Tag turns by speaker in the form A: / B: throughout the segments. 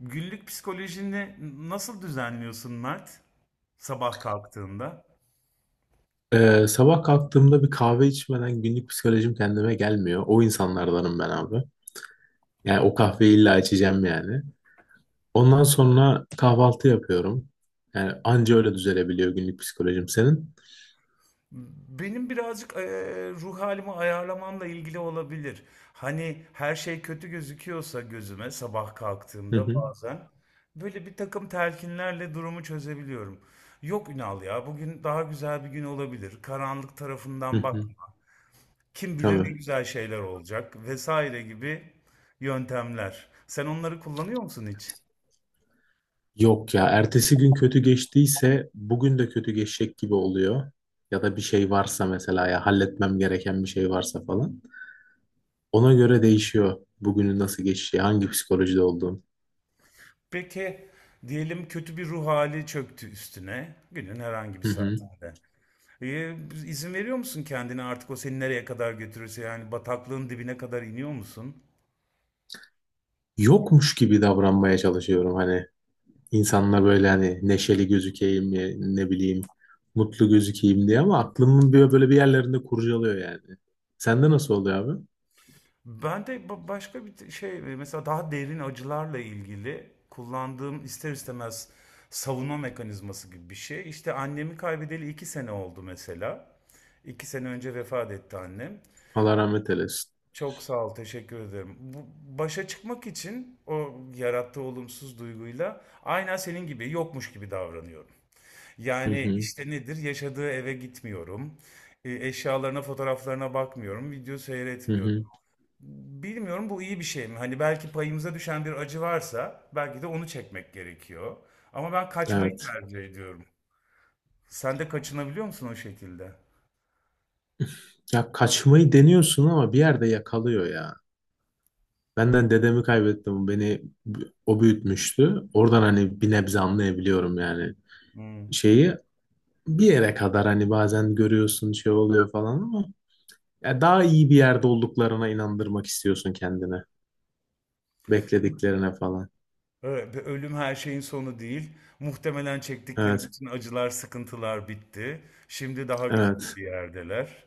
A: Günlük psikolojini nasıl düzenliyorsun Mert? Sabah kalktığında.
B: Sabah kalktığımda bir kahve içmeden günlük psikolojim kendime gelmiyor. O insanlardanım ben abi. Yani o kahveyi illa içeceğim yani. Ondan sonra kahvaltı yapıyorum. Yani anca öyle düzelebiliyor günlük psikolojim senin.
A: Benim birazcık ruh halimi ayarlamamla ilgili olabilir. Hani her şey kötü gözüküyorsa gözüme sabah
B: Hı
A: kalktığımda
B: hı,
A: bazen böyle bir takım telkinlerle durumu çözebiliyorum. Yok Ünal ya bugün daha güzel bir gün olabilir. Karanlık
B: hı
A: tarafından
B: hı.
A: bakma. Kim bilir ne
B: Tabii.
A: güzel şeyler olacak vesaire gibi yöntemler. Sen onları kullanıyor musun hiç?
B: Yok ya ertesi gün kötü geçtiyse bugün de kötü geçecek gibi oluyor. Ya da bir şey varsa mesela ya halletmem gereken bir şey varsa falan. Ona göre değişiyor bugünün nasıl geçeceği, hangi psikolojide olduğum.
A: Peki diyelim kötü bir ruh hali çöktü üstüne günün herhangi bir
B: Hı hı.
A: saatinde. Ee, izin veriyor musun kendine artık o seni nereye kadar götürürse yani bataklığın dibine kadar iniyor musun?
B: Yokmuş gibi davranmaya çalışıyorum hani insanla böyle hani neşeli gözükeyim ya, ne bileyim mutlu gözükeyim diye ama aklımın bir böyle bir yerlerinde kurcalıyor yani. Sende nasıl oluyor abi?
A: Ben de başka bir şey mesela daha derin acılarla ilgili kullandığım ister istemez savunma mekanizması gibi bir şey. İşte annemi kaybedeli 2 sene oldu mesela. 2 sene önce vefat etti annem.
B: Allah rahmet eylesin.
A: Çok sağ ol, teşekkür ederim. Bu, başa çıkmak için o yarattığı olumsuz duyguyla aynen senin gibi yokmuş gibi davranıyorum.
B: Hı
A: Yani
B: hı,
A: işte nedir? Yaşadığı eve gitmiyorum. Eşyalarına, fotoğraflarına bakmıyorum. Video
B: hı
A: seyretmiyorum.
B: hı.
A: Bilmiyorum bu iyi bir şey mi? Hani belki payımıza düşen bir acı varsa belki de onu çekmek gerekiyor. Ama ben kaçmayı
B: Evet.
A: tercih ediyorum. Sen de kaçınabiliyor musun o şekilde?
B: Ya kaçmayı deniyorsun ama bir yerde yakalıyor ya. Benden dedemi kaybettim. Beni o büyütmüştü. Oradan hani bir nebze anlayabiliyorum yani.
A: Hmm.
B: Şeyi bir yere kadar hani bazen görüyorsun şey oluyor falan ama ya daha iyi bir yerde olduklarına inandırmak istiyorsun kendini. Beklediklerine falan.
A: Evet, ve ölüm her şeyin sonu değil. Muhtemelen çektikleri
B: Evet,
A: bütün acılar, sıkıntılar bitti. Şimdi daha güzel
B: evet.
A: bir yerdeler.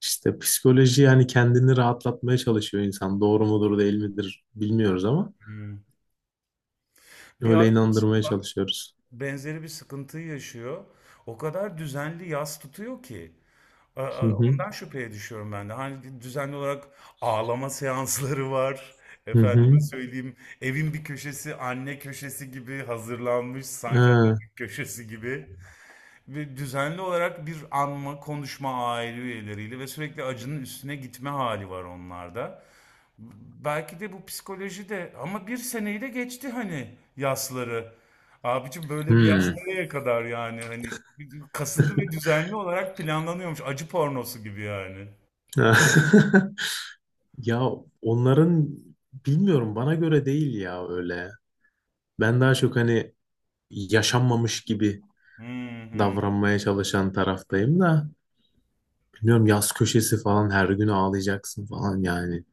B: İşte psikoloji yani kendini rahatlatmaya çalışıyor insan. Doğru mudur değil midir bilmiyoruz ama
A: Hmm. Bir
B: öyle
A: arkadaşım
B: inandırmaya
A: var,
B: çalışıyoruz.
A: benzeri bir sıkıntıyı yaşıyor. O kadar düzenli yas tutuyor ki.
B: Hı hı.
A: Ondan şüpheye düşüyorum ben de. Hani düzenli olarak ağlama seansları var.
B: Hı hı.
A: Efendime söyleyeyim, evin bir köşesi anne köşesi gibi hazırlanmış, sanki
B: Ha,
A: Atatürk köşesi gibi. Ve düzenli olarak bir anma, konuşma aile üyeleriyle ve sürekli acının üstüne gitme hali var onlarda. Belki de bu psikoloji de ama bir seneyi de geçti hani yasları. Abicim böyle bir yas
B: hmm.
A: nereye kadar yani hani kasıtlı ve düzenli olarak planlanıyormuş acı pornosu gibi yani.
B: Ya onların bilmiyorum bana göre değil ya öyle. Ben daha çok hani yaşanmamış gibi
A: Hı hı.
B: davranmaya çalışan taraftayım da. Bilmiyorum yaz köşesi falan her gün ağlayacaksın falan yani.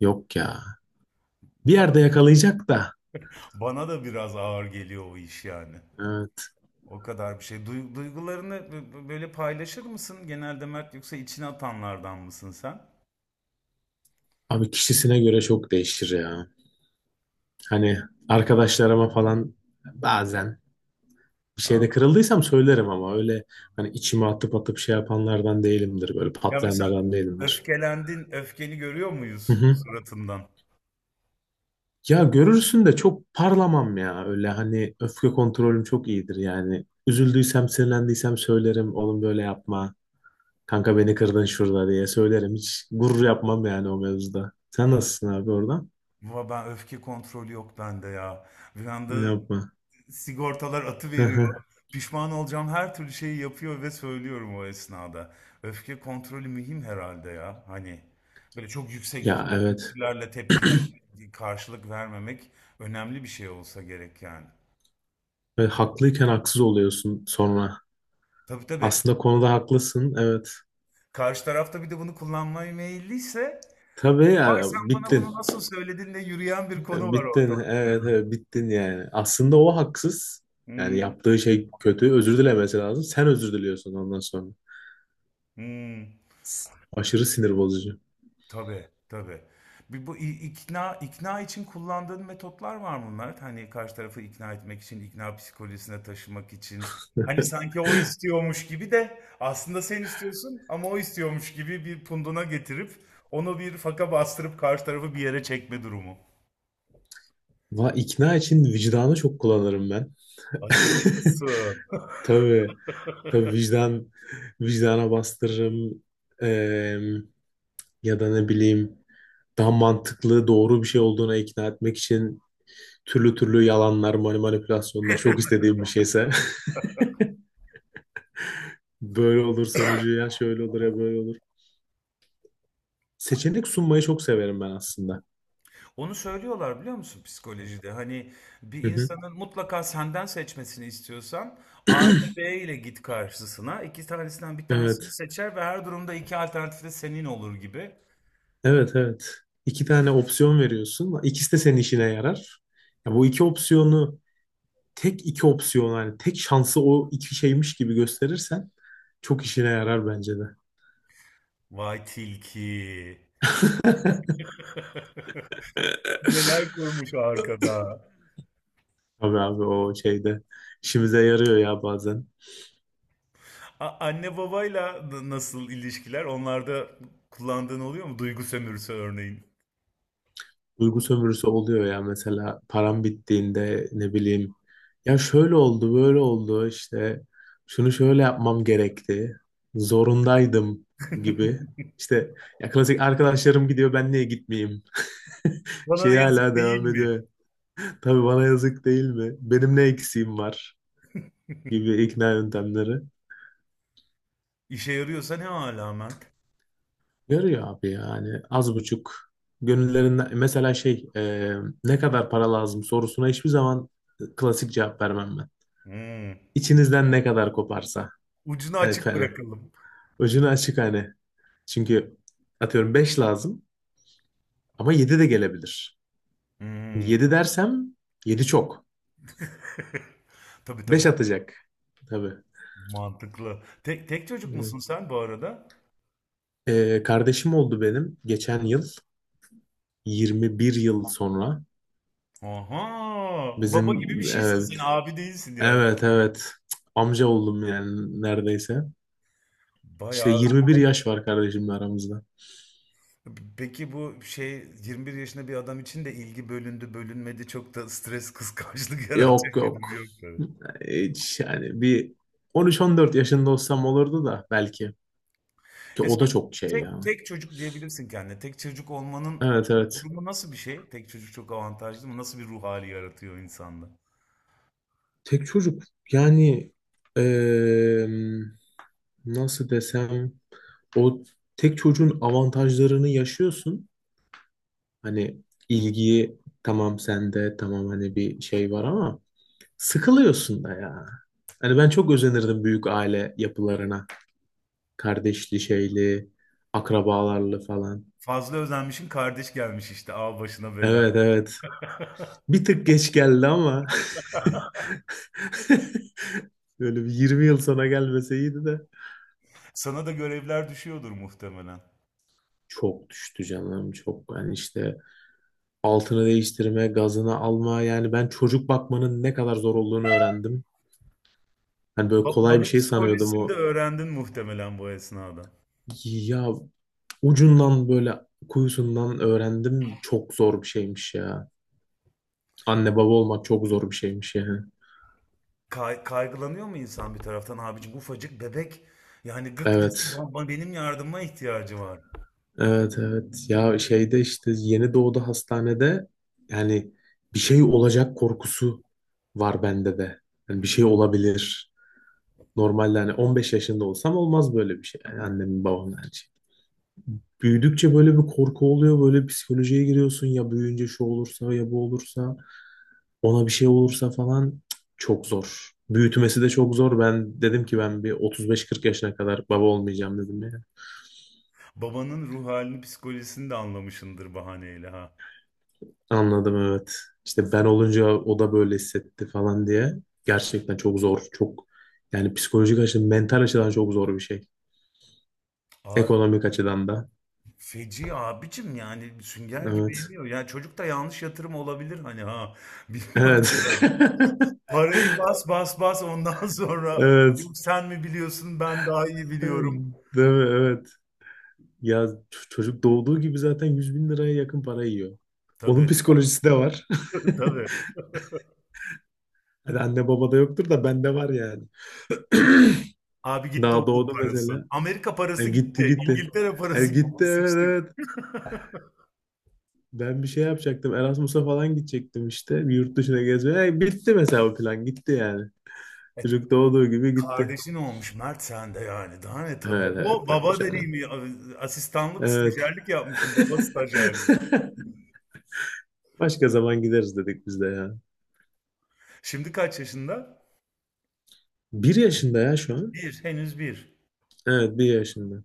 B: Yok ya. Bir
A: Bana,
B: yerde yakalayacak da.
A: bana da biraz ağır geliyor o iş yani.
B: Evet.
A: O kadar bir şey. Duygularını böyle paylaşır mısın genelde Mert yoksa içine atanlardan mısın sen?
B: Abi kişisine göre çok değişir ya. Hani arkadaşlarıma falan bazen bir şeyde kırıldıysam söylerim ama öyle hani içime atıp atıp şey yapanlardan değilimdir. Böyle
A: Ya mesela
B: patlayanlardan değilimdir.
A: öfkelendin, öfkeni görüyor
B: Hı
A: muyuz
B: hı.
A: suratından?
B: Ya görürsün de çok parlamam ya. Öyle hani öfke kontrolüm çok iyidir yani. Üzüldüysem, sinirlendiysem söylerim. Oğlum böyle yapma. Kanka beni kırdın şurada diye söylerim. Hiç gurur yapmam yani o mevzuda. Sen nasılsın abi orada?
A: Baba ben öfke kontrolü yok bende ya. Bir
B: Ne
A: anda
B: yapma.
A: sigortalar atı
B: Hı
A: veriyor.
B: hı.
A: Pişman olacağım her türlü şeyi yapıyor ve söylüyorum o esnada. Öfke kontrolü mühim herhalde ya. Hani böyle çok yüksek
B: Ya evet.
A: tepkilerle tepkiler karşılık vermemek önemli bir şey olsa gerek yani.
B: Ve haklıyken haksız oluyorsun sonra.
A: Tabii, tabii.
B: Aslında konuda haklısın. Evet.
A: Karşı tarafta bir de bunu kullanmaya meyilliyse
B: Tabii
A: vay
B: ya
A: sen bana bunu
B: bittin.
A: nasıl söyledin de yürüyen bir konu var
B: Bittin.
A: ortalıkta.
B: Evet, evet bittin yani. Aslında o haksız. Yani
A: Hmm,
B: yaptığı şey kötü. Özür dilemesi lazım. Sen özür diliyorsun ondan sonra.
A: hmm.
B: Aşırı sinir bozucu.
A: Tabii, tabii. Bir bu ikna için kullandığın metotlar var mı Mert? Hani karşı tarafı ikna etmek için, ikna psikolojisine taşımak için. Hani sanki o istiyormuş gibi de aslında sen istiyorsun ama o istiyormuş gibi bir punduna getirip onu bir faka bastırıp karşı tarafı bir yere çekme durumu.
B: Va ikna için vicdanı çok kullanırım ben.
A: Acımasızsın.
B: Tabii. Tabii vicdan vicdana bastırırım. Eee, Ya da ne bileyim daha mantıklı doğru bir şey olduğuna ikna etmek için türlü türlü yalanlar, manipülasyonlar çok istediğim bir şeyse böyle olur sonucu ya şöyle olur ya böyle olur. Seçenek sunmayı çok severim ben aslında.
A: Onu söylüyorlar biliyor musun psikolojide? Hani bir
B: Hı hı.
A: insanın mutlaka senden seçmesini istiyorsan A ile B ile git karşısına. İki tanesinden bir tanesini
B: Evet.
A: seçer ve her durumda iki alternatif de senin olur gibi.
B: Evet evet. İki tane opsiyon veriyorsun. İkisi de senin işine yarar. Ya bu iki opsiyonu tek iki opsiyon yani tek şansı o iki şeymiş gibi gösterirsen çok işine yarar bence de.
A: Vay tilki. Neler kurmuş arkada.
B: Tabii abi o şeyde işimize yarıyor ya bazen.
A: Anne babayla da nasıl ilişkiler? Onlarda kullandığın oluyor mu? Duygu sömürüsü örneğin.
B: Duygu sömürüsü oluyor ya mesela param bittiğinde ne bileyim ya şöyle oldu böyle oldu işte şunu şöyle yapmam gerekti. Zorundaydım gibi. İşte ya klasik arkadaşlarım gidiyor ben niye gitmeyeyim?
A: Bana da
B: Şeyi
A: yazık
B: hala
A: değil
B: devam
A: mi?
B: ediyor. Tabii bana yazık değil mi? Benim ne eksiğim var gibi ikna yöntemleri.
A: İşe yarıyorsa ne hala Mert?
B: Görüyor abi yani az buçuk gönüllerinden mesela şey ne kadar para lazım sorusuna hiçbir zaman klasik cevap vermem ben.
A: Hmm.
B: İçinizden ne kadar koparsa
A: Ucunu
B: hani,
A: açık
B: hani
A: bırakalım.
B: ucunu açık hani çünkü atıyorum 5 lazım ama yedi de gelebilir.
A: Hmm.
B: Yedi dersem 7 çok,
A: Tabii,
B: 5
A: tabii.
B: atacak tabii.
A: Mantıklı. Tek, tek çocuk musun
B: Evet.
A: sen bu arada?
B: E, kardeşim oldu benim geçen yıl 21 yıl sonra
A: Aha. Baba
B: bizim.
A: gibi bir şeysin sen.
B: Evet
A: Abi değilsin yani.
B: evet evet, amca oldum yani neredeyse. İşte
A: Bayağı.
B: 21 yaş var kardeşimle aramızda.
A: Peki bu şey 21 yaşında bir adam için de ilgi bölündü bölünmedi çok da stres kıskançlık yaratan
B: Yok
A: bir durum
B: yok.
A: yok tabii.
B: Hiç yani bir 13-14 yaşında olsam olurdu da belki. Ki
A: E
B: o
A: sen
B: da çok şey
A: tek,
B: yani.
A: tek çocuk diyebilirsin kendine. Tek çocuk olmanın
B: Evet evet.
A: durumu nasıl bir şey? Tek çocuk çok avantajlı mı? Nasıl bir ruh hali yaratıyor insanda?
B: Tek çocuk yani eee, nasıl desem o tek çocuğun avantajlarını yaşıyorsun. Hani ilgiyi tamam sende tamam hani bir şey var ama sıkılıyorsun da ya. Hani ben çok özenirdim büyük aile yapılarına. Kardeşli şeyli, akrabalarlı falan.
A: Fazla özenmişin kardeş gelmiş işte al başına bela.
B: Evet evet. Bir tık geç geldi ama böyle bir 20 yıl sonra gelmeseydi de.
A: Sana da görevler düşüyordur muhtemelen.
B: Çok düştü canım çok. Yani işte altını değiştirme, gazını alma yani ben çocuk bakmanın ne kadar zor olduğunu öğrendim. Hani böyle kolay bir
A: Babanın
B: şey sanıyordum
A: psikolojisini de
B: o.
A: öğrendin muhtemelen bu esnada.
B: Ya ucundan böyle kuyusundan öğrendim çok zor bir şeymiş ya. Anne baba olmak çok zor bir şeymiş yani.
A: Kaygılanıyor mu insan bir taraftan abicim ufacık bebek yani gık desin
B: Evet.
A: baba benim yardıma ihtiyacı var.
B: Evet evet, ya şeyde işte yeni doğdu hastanede yani bir şey olacak korkusu var bende de. Yani bir şey
A: Hı.
B: olabilir. Normalde hani 15 yaşında olsam olmaz böyle bir şey. Yani annemin babamın her şey. Büyüdükçe böyle bir korku oluyor. Böyle psikolojiye giriyorsun ya büyüyünce şu olursa ya bu olursa ona bir şey olursa falan. Cık, çok zor. Büyütmesi de çok zor. Ben dedim ki ben bir 35-40 yaşına kadar baba olmayacağım dedim ya.
A: Babanın ruh halini psikolojisini de anlamışındır bahaneyle ha.
B: Anladım evet. İşte ben olunca o da böyle hissetti falan diye. Gerçekten çok zor. Çok yani psikolojik açıdan, mental açıdan çok zor bir şey. Ekonomik açıdan da.
A: Feci abicim yani sünger gibi
B: Evet.
A: yemiyor. Yani çocuk da yanlış yatırım olabilir hani ha. Bilmiyorum
B: Evet.
A: ben. Parayı bas bas bas ondan sonra
B: Evet.
A: yok sen mi biliyorsun ben daha iyi
B: Değil
A: biliyorum.
B: mi? Evet. Ya çocuk doğduğu gibi zaten 100.000 liraya yakın para yiyor. Onun
A: Tabii
B: psikolojisi de var.
A: tabii.
B: Hadi anne baba da yoktur da bende var yani.
A: Abi gitti
B: Daha
A: okul
B: doğdu
A: parası.
B: mesela.
A: Amerika
B: E,
A: parası
B: gitti
A: gitti.
B: gitti.
A: İngiltere
B: E,
A: parası gitti.
B: gitti evet
A: Sıçtık.
B: evet. Ben bir şey yapacaktım. Erasmus'a falan gidecektim işte. Bir yurt dışına gezmeye. E, bitti mesela o plan. Gitti yani.
A: Evet,
B: Çocuk doğduğu gibi gitti.
A: kardeşin olmuş Mert sen de yani. Daha ne tabii.
B: Evet evet
A: Baba,
B: tabii
A: baba
B: canım.
A: deneyimi. Asistanlık,
B: Evet.
A: stajyerlik yapmışım. Baba stajyerlik.
B: Başka zaman gideriz dedik biz de ya.
A: Şimdi kaç yaşında?
B: Bir yaşında ya şu an.
A: Bir. Henüz bir.
B: Evet bir yaşında.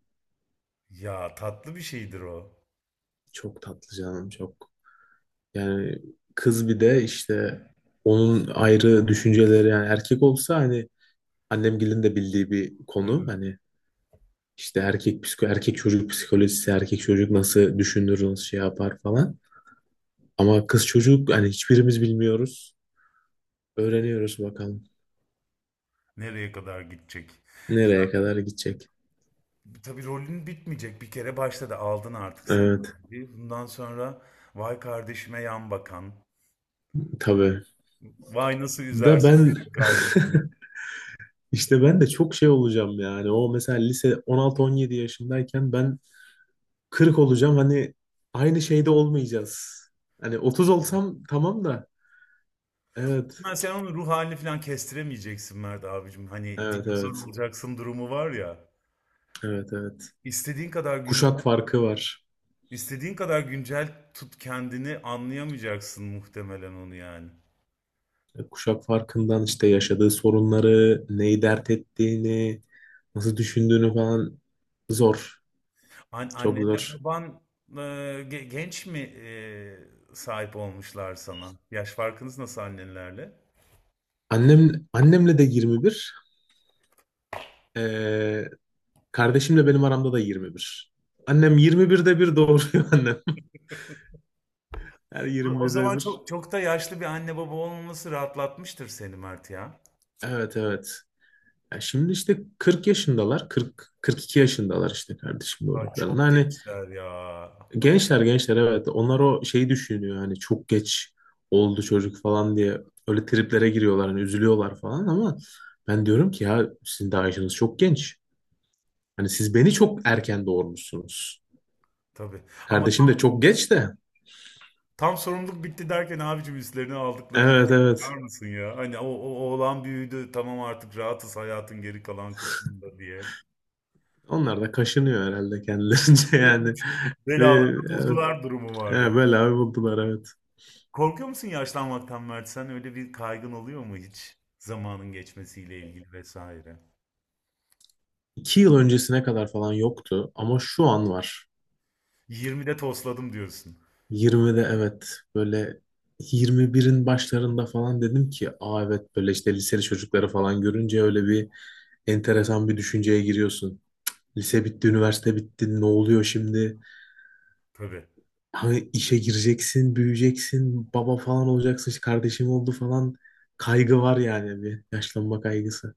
A: Ya tatlı bir şeydir o.
B: Çok tatlı canım çok. Yani kız bir de işte onun ayrı düşünceleri yani erkek olsa hani annemgilin de bildiği bir konu. Hani işte erkek psiko erkek çocuk psikolojisi, erkek çocuk nasıl düşünür, nasıl şey yapar falan. Ama kız çocuk hani hiçbirimiz bilmiyoruz. Öğreniyoruz bakalım
A: Nereye kadar gidecek? Ya
B: nereye kadar gidecek.
A: tabii rolün bitmeyecek. Bir kere başladı. Aldın artık sen
B: Evet
A: abi. Bundan sonra vay kardeşime yan bakan.
B: tabii.
A: Vay nasıl
B: Da
A: üzersin
B: ben
A: benim kardeşimi.
B: işte ben de çok şey olacağım yani. O mesela lise 16-17 yaşındayken ben 40 olacağım. Hani aynı şeyde olmayacağız. Hani 30 olsam tamam da. Evet.
A: Muhtemelen sen onun ruh halini falan kestiremeyeceksin Mert abicim. Hani
B: Evet
A: dinozor
B: evet.
A: olacaksın durumu var ya.
B: Evet evet.
A: İstediğin kadar güncel,
B: Kuşak farkı var.
A: istediğin kadar güncel tut kendini anlayamayacaksın muhtemelen onu yani.
B: Kuşak farkından işte yaşadığı sorunları, neyi dert ettiğini, nasıl düşündüğünü falan zor.
A: An
B: Çok
A: annenle
B: zor.
A: baban genç mi sahip olmuşlar sana? Yaş farkınız nasıl annenlerle?
B: Annem, annemle de 21. Ee, Kardeşimle benim aramda da 21. Annem 21'de bir doğuruyor annem. Her
A: O
B: 21'de
A: zaman
B: bir.
A: çok çok da yaşlı bir anne baba olmaması rahatlatmıştır seni Mert ya.
B: Evet evet. Ya şimdi işte 40 yaşındalar. 40, 42 yaşındalar işte kardeşim
A: Vay,
B: doğurduklarında.
A: çok
B: Hani
A: gençler ya.
B: gençler gençler evet. Onlar o şeyi düşünüyor. Hani çok geç oldu çocuk falan diye. Öyle triplere giriyorlar. Hani üzülüyorlar falan ama ben diyorum ki ya sizin daha yaşınız çok genç. Hani siz beni çok erken doğurmuşsunuz.
A: Tabii. Ama
B: Kardeşim de
A: tam
B: çok geç de.
A: Tam sorumluluk bitti derken abicim üstlerine aldıkları
B: Evet
A: yükü bakar
B: evet.
A: mısın ya? Hani o, o oğlan büyüdü tamam artık rahatız hayatın geri kalan kısmında diye.
B: Onlar da kaşınıyor herhalde kendilerince yani.
A: Belalarını
B: Evet,
A: buldular durumu var ya.
B: evet böyle abi buldular evet.
A: Korkuyor musun yaşlanmaktan Mert sen? Öyle bir kaygın oluyor mu hiç? Zamanın geçmesiyle ilgili vesaire.
B: İki yıl öncesine kadar falan yoktu ama şu an var.
A: 20'de tosladım diyorsun.
B: 20'de evet böyle 21'in başlarında falan dedim ki aa evet, böyle işte liseli çocukları falan görünce öyle bir enteresan bir düşünceye giriyorsun. Lise bitti, üniversite bitti, ne oluyor şimdi?
A: Tabii.
B: Hani işe gireceksin, büyüyeceksin, baba falan olacaksın, işte kardeşim oldu falan, kaygı var yani bir yaşlanma kaygısı.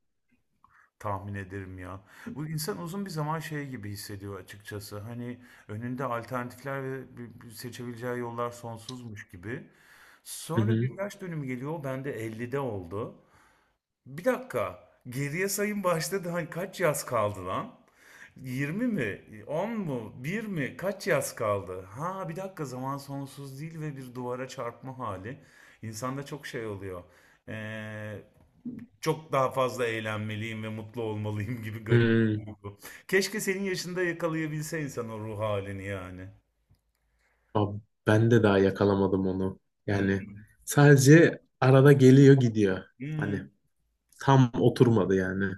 A: Tahmin ederim ya. Bu insan uzun bir zaman şey gibi hissediyor açıkçası. Hani önünde alternatifler ve bir seçebileceği yollar sonsuzmuş gibi.
B: Hı
A: Sonra
B: hı.
A: bir yaş dönümü geliyor. Ben de 50'de oldu. Bir dakika. Geriye sayım başladı. Hani kaç yaz kaldı lan? 20 mi? 10 mu? Bir mi? Kaç yaz kaldı? Ha bir dakika zaman sonsuz değil ve bir duvara çarpma hali. İnsanda çok şey oluyor. Ee, çok daha fazla eğlenmeliyim ve mutlu olmalıyım gibi garip bir
B: Hmm.
A: duygu. Keşke senin yaşında yakalayabilse insan o ruh halini yani.
B: Abi ben de daha yakalamadım onu.
A: Hı
B: Yani sadece arada geliyor gidiyor. Hani
A: hı.
B: tam oturmadı yani.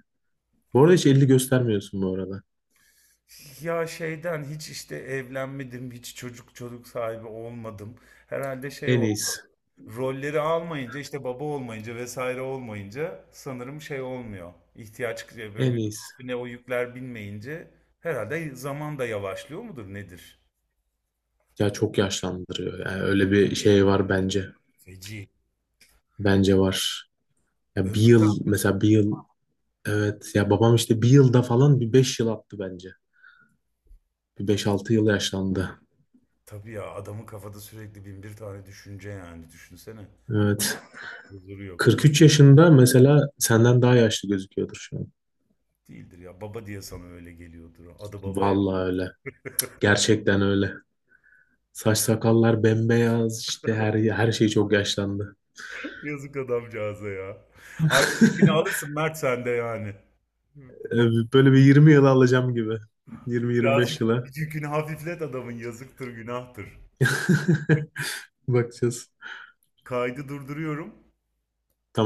B: Bu arada hiç elini göstermiyorsun bu arada.
A: Ya şeyden hiç işte evlenmedim, hiç çocuk çocuk sahibi olmadım. Herhalde şey
B: En iyisi.
A: oldu. Rolleri almayınca işte baba olmayınca vesaire olmayınca sanırım şey olmuyor. İhtiyaç
B: En
A: böyle
B: iyisi.
A: üstüne o yükler binmeyince herhalde zaman da yavaşlıyor mudur nedir?
B: Ya çok yaşlandırıyor. Yani öyle bir şey var bence.
A: Feci.
B: Bence var. Ya bir
A: Ömür de
B: yıl
A: alıyorsun.
B: mesela bir yıl, evet, ya babam işte bir yılda falan bir beş yıl attı bence. Bir
A: Ta-
B: beş altı yıl yaşlandı.
A: Tabii ya adamın kafada sürekli bin bir tane düşünce yani düşünsene.
B: Evet.
A: Huzuru yok.
B: 43 yaşında mesela senden daha yaşlı gözüküyordur şu an.
A: Değildir ya baba diye sana öyle geliyordur. Adı baba.
B: Vallahi öyle. Gerçekten öyle. Saç sakallar bembeyaz işte her şey çok yaşlandı.
A: Yazık adamcağıza ya. Artık yükünü alırsın Mert sen de yani. Bak,
B: Böyle bir 20 yıla alacağım gibi. Yirmi yirmi
A: birazcık
B: beş yıla
A: yükünü hafiflet adamın yazıktır günahtır.
B: bakacağız.
A: Kaydı durduruyorum.
B: Tamam.